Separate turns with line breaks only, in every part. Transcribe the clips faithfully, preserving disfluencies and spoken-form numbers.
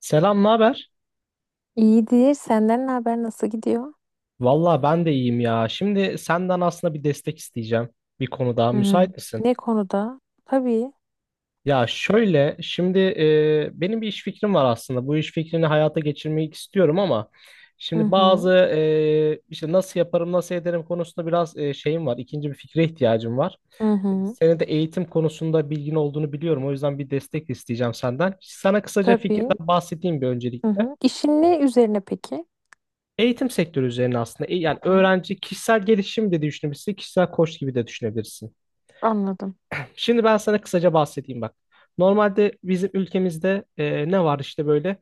Selam, ne haber?
İyidir. Senden ne haber? Nasıl gidiyor?
Valla ben de iyiyim ya. Şimdi senden aslında bir destek isteyeceğim bir konuda.
Hı.
Müsait misin?
Ne konuda? Tabii.
Ya şöyle, şimdi e, benim bir iş fikrim var aslında. Bu iş fikrini hayata geçirmeyi istiyorum ama
Hı
şimdi bazı
hı.
e, işte nasıl yaparım, nasıl ederim konusunda biraz e, şeyim var. İkinci bir fikre ihtiyacım var.
Hı hı.
Senin de eğitim konusunda bilgin olduğunu biliyorum. O yüzden bir destek isteyeceğim senden. Sana kısaca
Tabii.
fikirden bahsedeyim bir
Hı
öncelikle.
hı. İşin ne üzerine peki?
Eğitim sektörü üzerine aslında E, yani
Hı.
öğrenci kişisel gelişim de düşünebilirsin, kişisel koç gibi de düşünebilirsin.
Anladım.
Şimdi ben sana kısaca bahsedeyim bak. Normalde bizim ülkemizde e, ne var işte böyle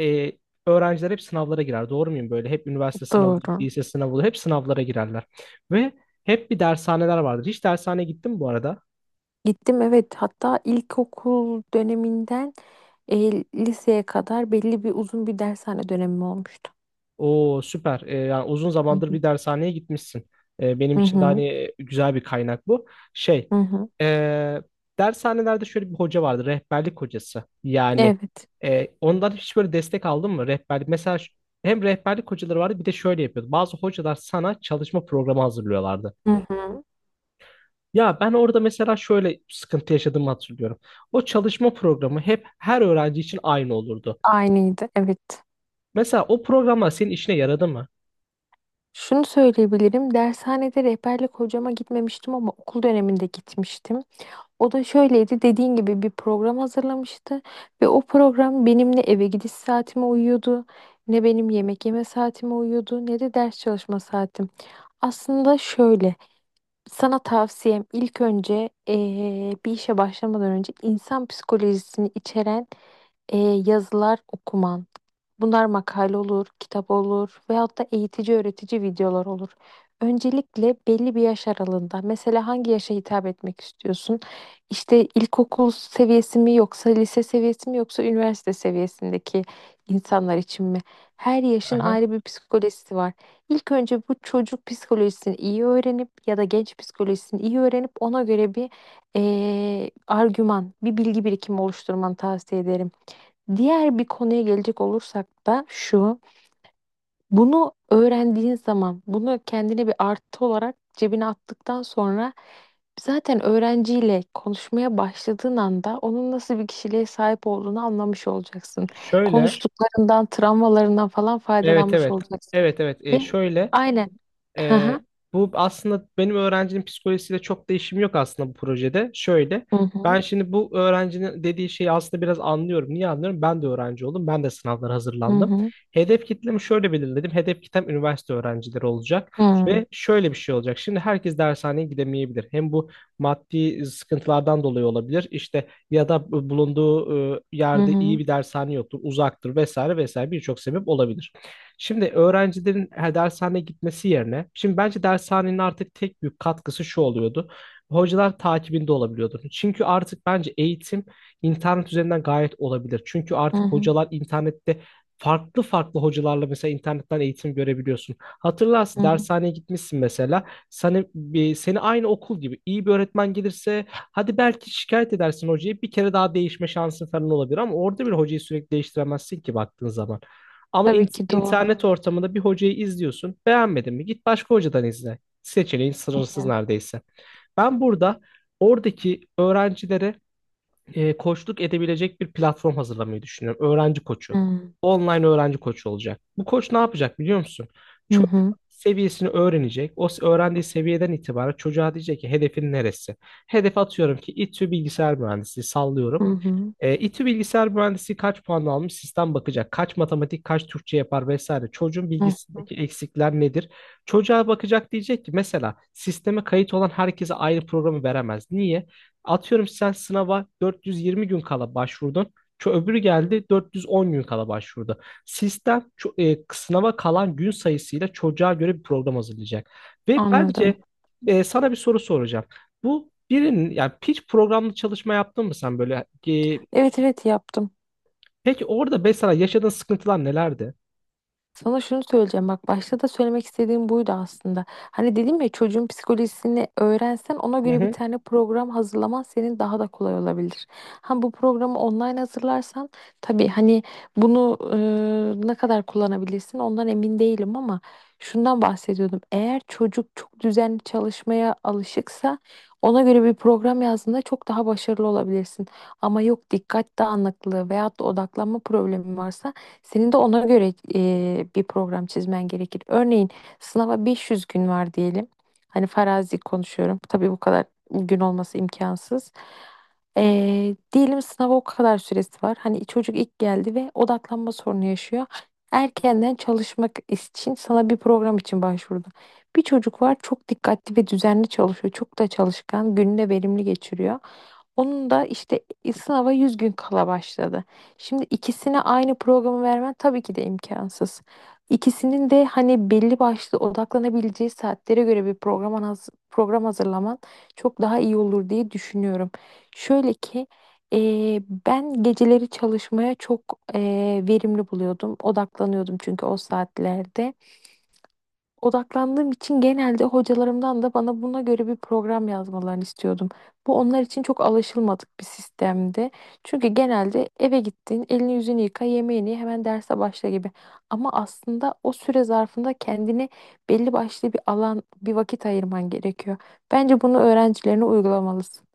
e, öğrenciler hep sınavlara girer. Doğru muyum böyle? Hep üniversite sınavı,
Doğru.
lise sınavı, hep sınavlara girerler. Ve hep bir dershaneler vardır. Hiç dershaneye gittin mi bu arada?
Gittim, evet. Hatta ilkokul döneminden e, liseye kadar belli bir uzun bir dershane dönemi olmuştu.
O süper. Ee, yani uzun
Hı
zamandır
hı.
bir dershaneye gitmişsin. Ee, benim
Hı
için de
hı.
hani e, güzel bir kaynak bu. Şey,
Hı hı.
ee, dershanelerde şöyle bir hoca vardı, rehberlik hocası. Yani
Evet.
ee, ondan hiç böyle destek aldın mı? Rehberlik mesela ş- hem rehberlik hocaları vardı, bir de şöyle yapıyordu. Bazı hocalar sana çalışma programı hazırlıyorlardı.
Hı hı.
Ya ben orada mesela şöyle sıkıntı yaşadığımı hatırlıyorum. O çalışma programı hep her öğrenci için aynı olurdu.
Aynıydı, evet.
Mesela o programlar senin işine yaradı mı?
Şunu söyleyebilirim. Dershanede rehberlik hocama gitmemiştim ama okul döneminde gitmiştim. O da şöyleydi, dediğin gibi bir program hazırlamıştı ve o program benim ne eve gidiş saatime uyuyordu, ne benim yemek yeme saatime uyuyordu, ne de ders çalışma saatim. Aslında şöyle. Sana tavsiyem, ilk önce eee, bir işe başlamadan önce insan psikolojisini içeren eee, yazılar okuman. Bunlar makale olur, kitap olur veyahut da eğitici öğretici videolar olur. Öncelikle belli bir yaş aralığında, mesela hangi yaşa hitap etmek istiyorsun? İşte ilkokul seviyesi mi yoksa lise seviyesi mi yoksa üniversite seviyesindeki insanlar için mi? Her yaşın
Aha.
ayrı bir psikolojisi var. İlk önce bu çocuk psikolojisini iyi öğrenip ya da genç psikolojisini iyi öğrenip ona göre bir eee, argüman, bir bilgi birikimi oluşturmanı tavsiye ederim. Diğer bir konuya gelecek olursak da şu. Bunu öğrendiğin zaman, bunu kendine bir artı olarak cebine attıktan sonra zaten öğrenciyle konuşmaya başladığın anda onun nasıl bir kişiliğe sahip olduğunu anlamış olacaksın.
Şöyle.
Konuştuklarından, travmalarından falan
Evet,
faydalanmış
evet.
olacaksın.
Evet, evet. E,
Ve
şöyle
aynen. Hı
e,
hı.
bu aslında benim öğrencinin psikolojisiyle çok değişim yok aslında bu projede. Şöyle
Hı hı.
ben şimdi bu öğrencinin dediği şeyi aslında biraz anlıyorum. Niye anlıyorum? Ben de öğrenci oldum. Ben de sınavlara hazırlandım. Hedef kitlemi şöyle belirledim. Hedef kitlem üniversite öğrencileri olacak
Hı hı.
ve şöyle bir şey olacak. Şimdi herkes dershaneye gidemeyebilir. Hem bu maddi sıkıntılardan dolayı olabilir. İşte ya da bulunduğu e,
Hı
yerde iyi
hı.
bir dershane yoktur, uzaktır vesaire vesaire birçok sebep olabilir. Şimdi öğrencilerin her dershaneye gitmesi yerine, şimdi bence dershanenin artık tek büyük katkısı şu oluyordu. Hocalar takibinde olabiliyordu. Çünkü artık bence eğitim internet üzerinden gayet olabilir. Çünkü
Hı hı.
artık
Hı hı.
hocalar internette farklı farklı hocalarla mesela internetten eğitim görebiliyorsun. Hatırlarsın
Hı hı.
dershaneye gitmişsin mesela. Seni, bir- seni aynı okul gibi iyi bir öğretmen gelirse hadi belki şikayet edersin, hocayı bir kere daha değişme şansın falan olabilir, ama orada bir hocayı sürekli değiştiremezsin ki baktığın zaman. Ama
Tabii
in-
ki doğru.
internet ortamında bir hocayı izliyorsun. Beğenmedin mi? Git başka hocadan izle. Seçeneğin sınırsız
Hı
neredeyse. Ben burada oradaki öğrencilere e, koçluk edebilecek bir platform hazırlamayı düşünüyorum. Öğrenci koçu.
hı.
Online öğrenci koçu olacak. Bu koç ne yapacak biliyor musun?
Hı
Çocuk
hı.
seviyesini öğrenecek. O s- öğrendiği seviyeden itibaren çocuğa diyecek ki hedefin neresi? Hedef atıyorum ki İTÜ bilgisayar mühendisliği
Hı
sallıyorum.
hı.
E, İTÜ Bilgisayar Mühendisliği kaç puan almış? Sistem bakacak. Kaç matematik, kaç Türkçe yapar vesaire. Çocuğun
Hı hı.
bilgisindeki eksikler nedir? Çocuğa bakacak diyecek ki mesela sisteme kayıt olan herkese aynı programı veremez. Niye? Atıyorum sen sınava dört yüz yirmi gün kala başvurdun. Ço öbürü geldi dört yüz on gün kala başvurdu. Sistem ço- e, sınava kalan gün sayısıyla çocuğa göre bir program hazırlayacak. Ve
Anladım.
bence e, sana bir soru soracağım. Bu birinin yani hiç programlı çalışma yaptın mı sen böyle e,
Evet, evet yaptım.
Peki orada mesela yaşadığın sıkıntılar nelerdi?
Sana şunu söyleyeceğim, bak başta da söylemek istediğim buydu aslında. Hani dedim ya, çocuğun psikolojisini öğrensen ona
Hı
göre bir
hı.
tane program hazırlaman senin daha da kolay olabilir. Ha, bu programı online hazırlarsan tabii hani bunu e, ne kadar kullanabilirsin ondan emin değilim ama şundan bahsediyordum. Eğer çocuk çok düzenli çalışmaya alışıksa ona göre bir program yazdığında çok daha başarılı olabilirsin. Ama yok, dikkat dağınıklığı veyahut da odaklanma problemi varsa senin de ona göre e, bir program çizmen gerekir. Örneğin sınava beş yüz gün var diyelim. Hani farazi konuşuyorum. Tabii bu kadar gün olması imkansız. E, diyelim sınava o kadar süresi var. Hani çocuk ilk geldi ve odaklanma sorunu yaşıyor. Erkenden çalışmak için sana bir program için başvurdu. Bir çocuk var, çok dikkatli ve düzenli çalışıyor. Çok da çalışkan, gününü de verimli geçiriyor. Onun da işte e, sınava yüz gün kala başladı. Şimdi ikisine aynı programı vermen tabii ki de imkansız. İkisinin de hani belli başlı odaklanabileceği saatlere göre bir program, haz- program hazırlaman çok daha iyi olur diye düşünüyorum. Şöyle ki eee, ben geceleri çalışmaya çok eee, verimli buluyordum. Odaklanıyordum çünkü o saatlerde. Odaklandığım için genelde hocalarımdan da bana buna göre bir program yazmalarını istiyordum. Bu onlar için çok alışılmadık bir sistemdi. Çünkü genelde eve gittin, elini yüzünü yıka, yemeğini ye, hemen derse başla gibi. Ama aslında o süre zarfında kendine belli başlı bir alan, bir vakit ayırman gerekiyor. Bence bunu öğrencilerine uygulamalısın.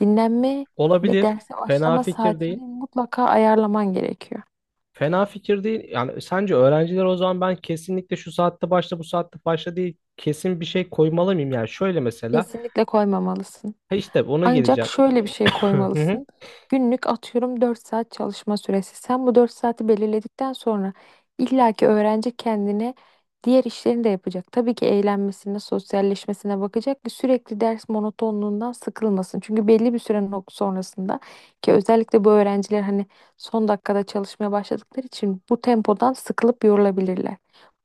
Dinlenme ve
Olabilir.
derse
Fena
başlama
fikir
saatini
değil.
mutlaka ayarlaman gerekiyor.
Fena fikir değil. Yani sence öğrenciler o zaman, ben kesinlikle şu saatte başla bu saatte başla değil. Kesin bir şey koymalı mıyım? Yani şöyle mesela.
Kesinlikle koymamalısın.
Ha işte ona
Ancak
geleceğim.
şöyle bir şey
Hı hı.
koymalısın. Günlük atıyorum dört saat çalışma süresi. Sen bu dört saati belirledikten sonra illaki öğrenci kendine diğer işlerini de yapacak. Tabii ki eğlenmesine, sosyalleşmesine bakacak ki sürekli ders monotonluğundan sıkılmasın. Çünkü belli bir süre nok- sonrasında, ki özellikle bu öğrenciler hani son dakikada çalışmaya başladıkları için bu tempodan sıkılıp yorulabilirler.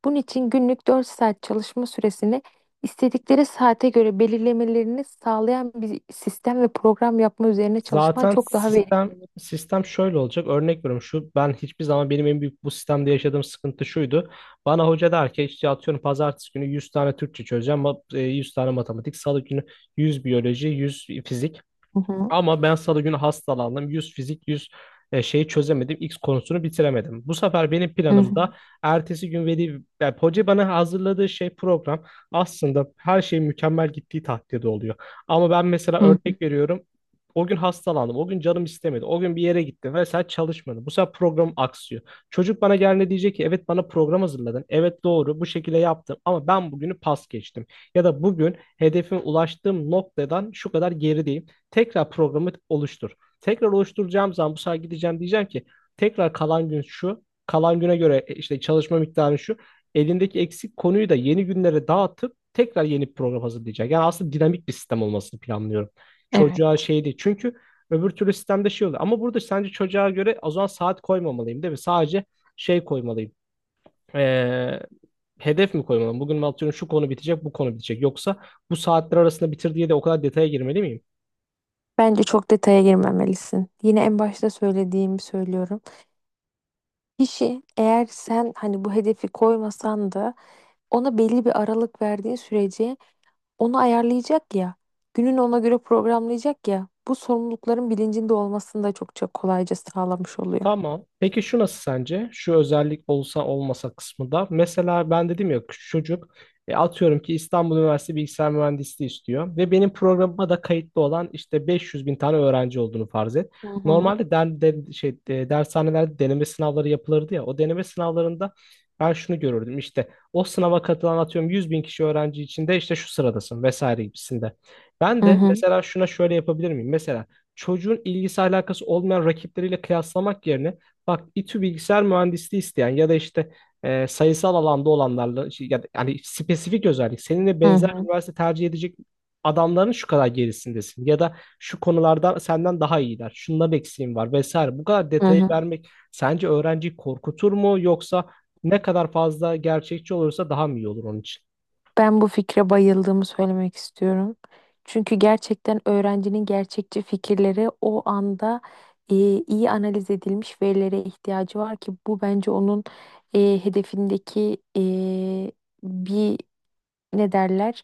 Bunun için günlük dört saat çalışma süresini İstedikleri saate göre belirlemelerini sağlayan bir sistem ve program yapma üzerine çalışman
Zaten
çok daha
sistem
verimli.
sistem şöyle olacak. Örnek veriyorum, şu ben hiçbir zaman benim en büyük bu sistemde yaşadığım sıkıntı şuydu. Bana hoca der ki işte atıyorum pazartesi günü yüz tane Türkçe çözeceğim. ma- e, yüz tane matematik. Salı günü yüz biyoloji, yüz fizik.
Hı hı,
Ama ben salı günü hastalandım. yüz fizik, yüz e, şeyi çözemedim. X konusunu bitiremedim. Bu sefer benim
hı hı,
planımda ertesi gün veli, yani hoca bana hazırladığı şey program aslında her şey mükemmel gittiği takdirde oluyor. Ama ben mesela
hı hı.
örnek veriyorum. O gün hastalandım. O gün canım istemedi. O gün bir yere gittim ve sen çalışmadın. Bu sefer program aksıyor. Çocuk bana geldiğinde diyecek ki evet bana program hazırladın, evet doğru bu şekilde yaptım, ama ben bugünü pas geçtim. Ya da bugün hedefime ulaştığım noktadan şu kadar gerideyim. Tekrar programı oluştur. Tekrar oluşturacağım zaman bu sefer gideceğim, diyeceğim ki tekrar kalan gün şu, kalan güne göre e, işte çalışma miktarı şu. Elindeki eksik konuyu da yeni günlere dağıtıp tekrar yeni bir program hazırlayacak. Yani aslında dinamik bir sistem olmasını planlıyorum. Çocuğa
Evet.
şey değil. Çünkü öbür türlü sistemde şey oluyor. Ama burada sence çocuğa göre o zaman saat koymamalıyım değil mi? Sadece şey koymalıyım. Ee, hedef mi koymalıyım? Bugün atıyorum şu konu bitecek, bu konu bitecek. Yoksa bu saatler arasında bitir diye de o kadar detaya girmeli miyim?
Bence çok detaya girmemelisin. Yine en başta söylediğimi söylüyorum. Kişi, eğer sen hani bu hedefi koymasan da ona belli bir aralık verdiğin sürece onu ayarlayacak ya. Gününü ona göre programlayacak ya. Bu, sorumlulukların bilincinde olmasını da çokça kolayca sağlamış oluyor.
Tamam. Peki şu nasıl sence? Şu özellik olsa olmasa kısmı da. Mesela ben dedim ya, küçük çocuk e, atıyorum ki İstanbul Üniversitesi Bilgisayar Mühendisliği istiyor ve benim programıma da kayıtlı olan işte beş yüz bin tane öğrenci olduğunu farz et.
Hı hı,
Normalde den, den- şey, e, dershanelerde deneme sınavları yapılırdı ya. O deneme sınavlarında ben şunu görürdüm işte, o sınava katılan atıyorum yüz bin kişi öğrenci içinde işte şu sıradasın vesaire gibisinde. Ben
hı
de
hı,
mesela şuna şöyle yapabilir miyim? Mesela çocuğun ilgisi alakası olmayan rakipleriyle kıyaslamak yerine, bak İTÜ bilgisayar mühendisliği isteyen ya da işte e, sayısal alanda olanlarla şey, ya da, yani spesifik özellik seninle
hı
benzer
hı,
üniversite tercih edecek adamların şu kadar gerisindesin ya da şu konularda senden daha iyiler. Şunların eksiğin var vesaire. Bu kadar
hı
detayı
hı.
vermek sence öğrenciyi korkutur mu, yoksa ne kadar fazla gerçekçi olursa daha mı iyi olur onun için?
Ben bu fikre bayıldığımı söylemek istiyorum. Çünkü gerçekten öğrencinin gerçekçi fikirleri, o anda e, iyi analiz edilmiş verilere ihtiyacı var ki bu bence onun e, hedefindeki e, bir ne derler,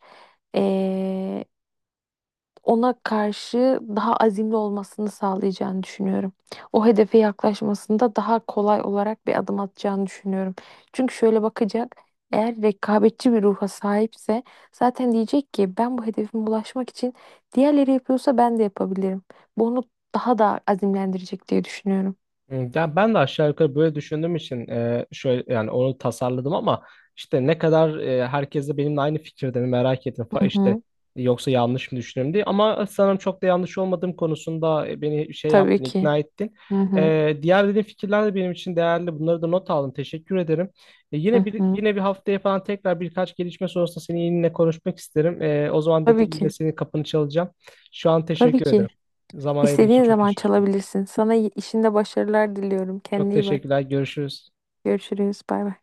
ona karşı daha azimli olmasını sağlayacağını düşünüyorum. O hedefe yaklaşmasında daha kolay olarak bir adım atacağını düşünüyorum. Çünkü şöyle bakacak, eğer rekabetçi bir ruha sahipse zaten diyecek ki ben bu hedefime ulaşmak için diğerleri yapıyorsa ben de yapabilirim. Bu onu daha da azimlendirecek diye düşünüyorum.
Hmm, ya ben de aşağı yukarı böyle düşündüğüm için e, şöyle yani onu tasarladım, ama işte ne kadar e, herkes de benimle aynı fikirde mi merak ettim fa-
Hı
işte,
hı,
yoksa yanlış mı düşünüyorum diye, ama sanırım çok da yanlış olmadığım konusunda e, beni şey yaptın,
tabii ki.
ikna ettin.
Hı hı,
E, diğer dediğin fikirler de benim için değerli. Bunları da not aldım. Teşekkür ederim. E, yine
hı
bir
hı.
yine bir haftaya falan tekrar birkaç gelişme sonrasında seni yine konuşmak isterim. E, o zaman da te-
Tabii
yine
ki.
senin kapını çalacağım. Şu an
Tabii
teşekkür
ki.
ederim. Zaman ayırdığın için
İstediğin
çok
zaman
teşekkür.
çalabilirsin. Sana y- işinde başarılar diliyorum.
Çok
Kendine iyi bak.
teşekkürler. Görüşürüz.
Görüşürüz. Bay bay.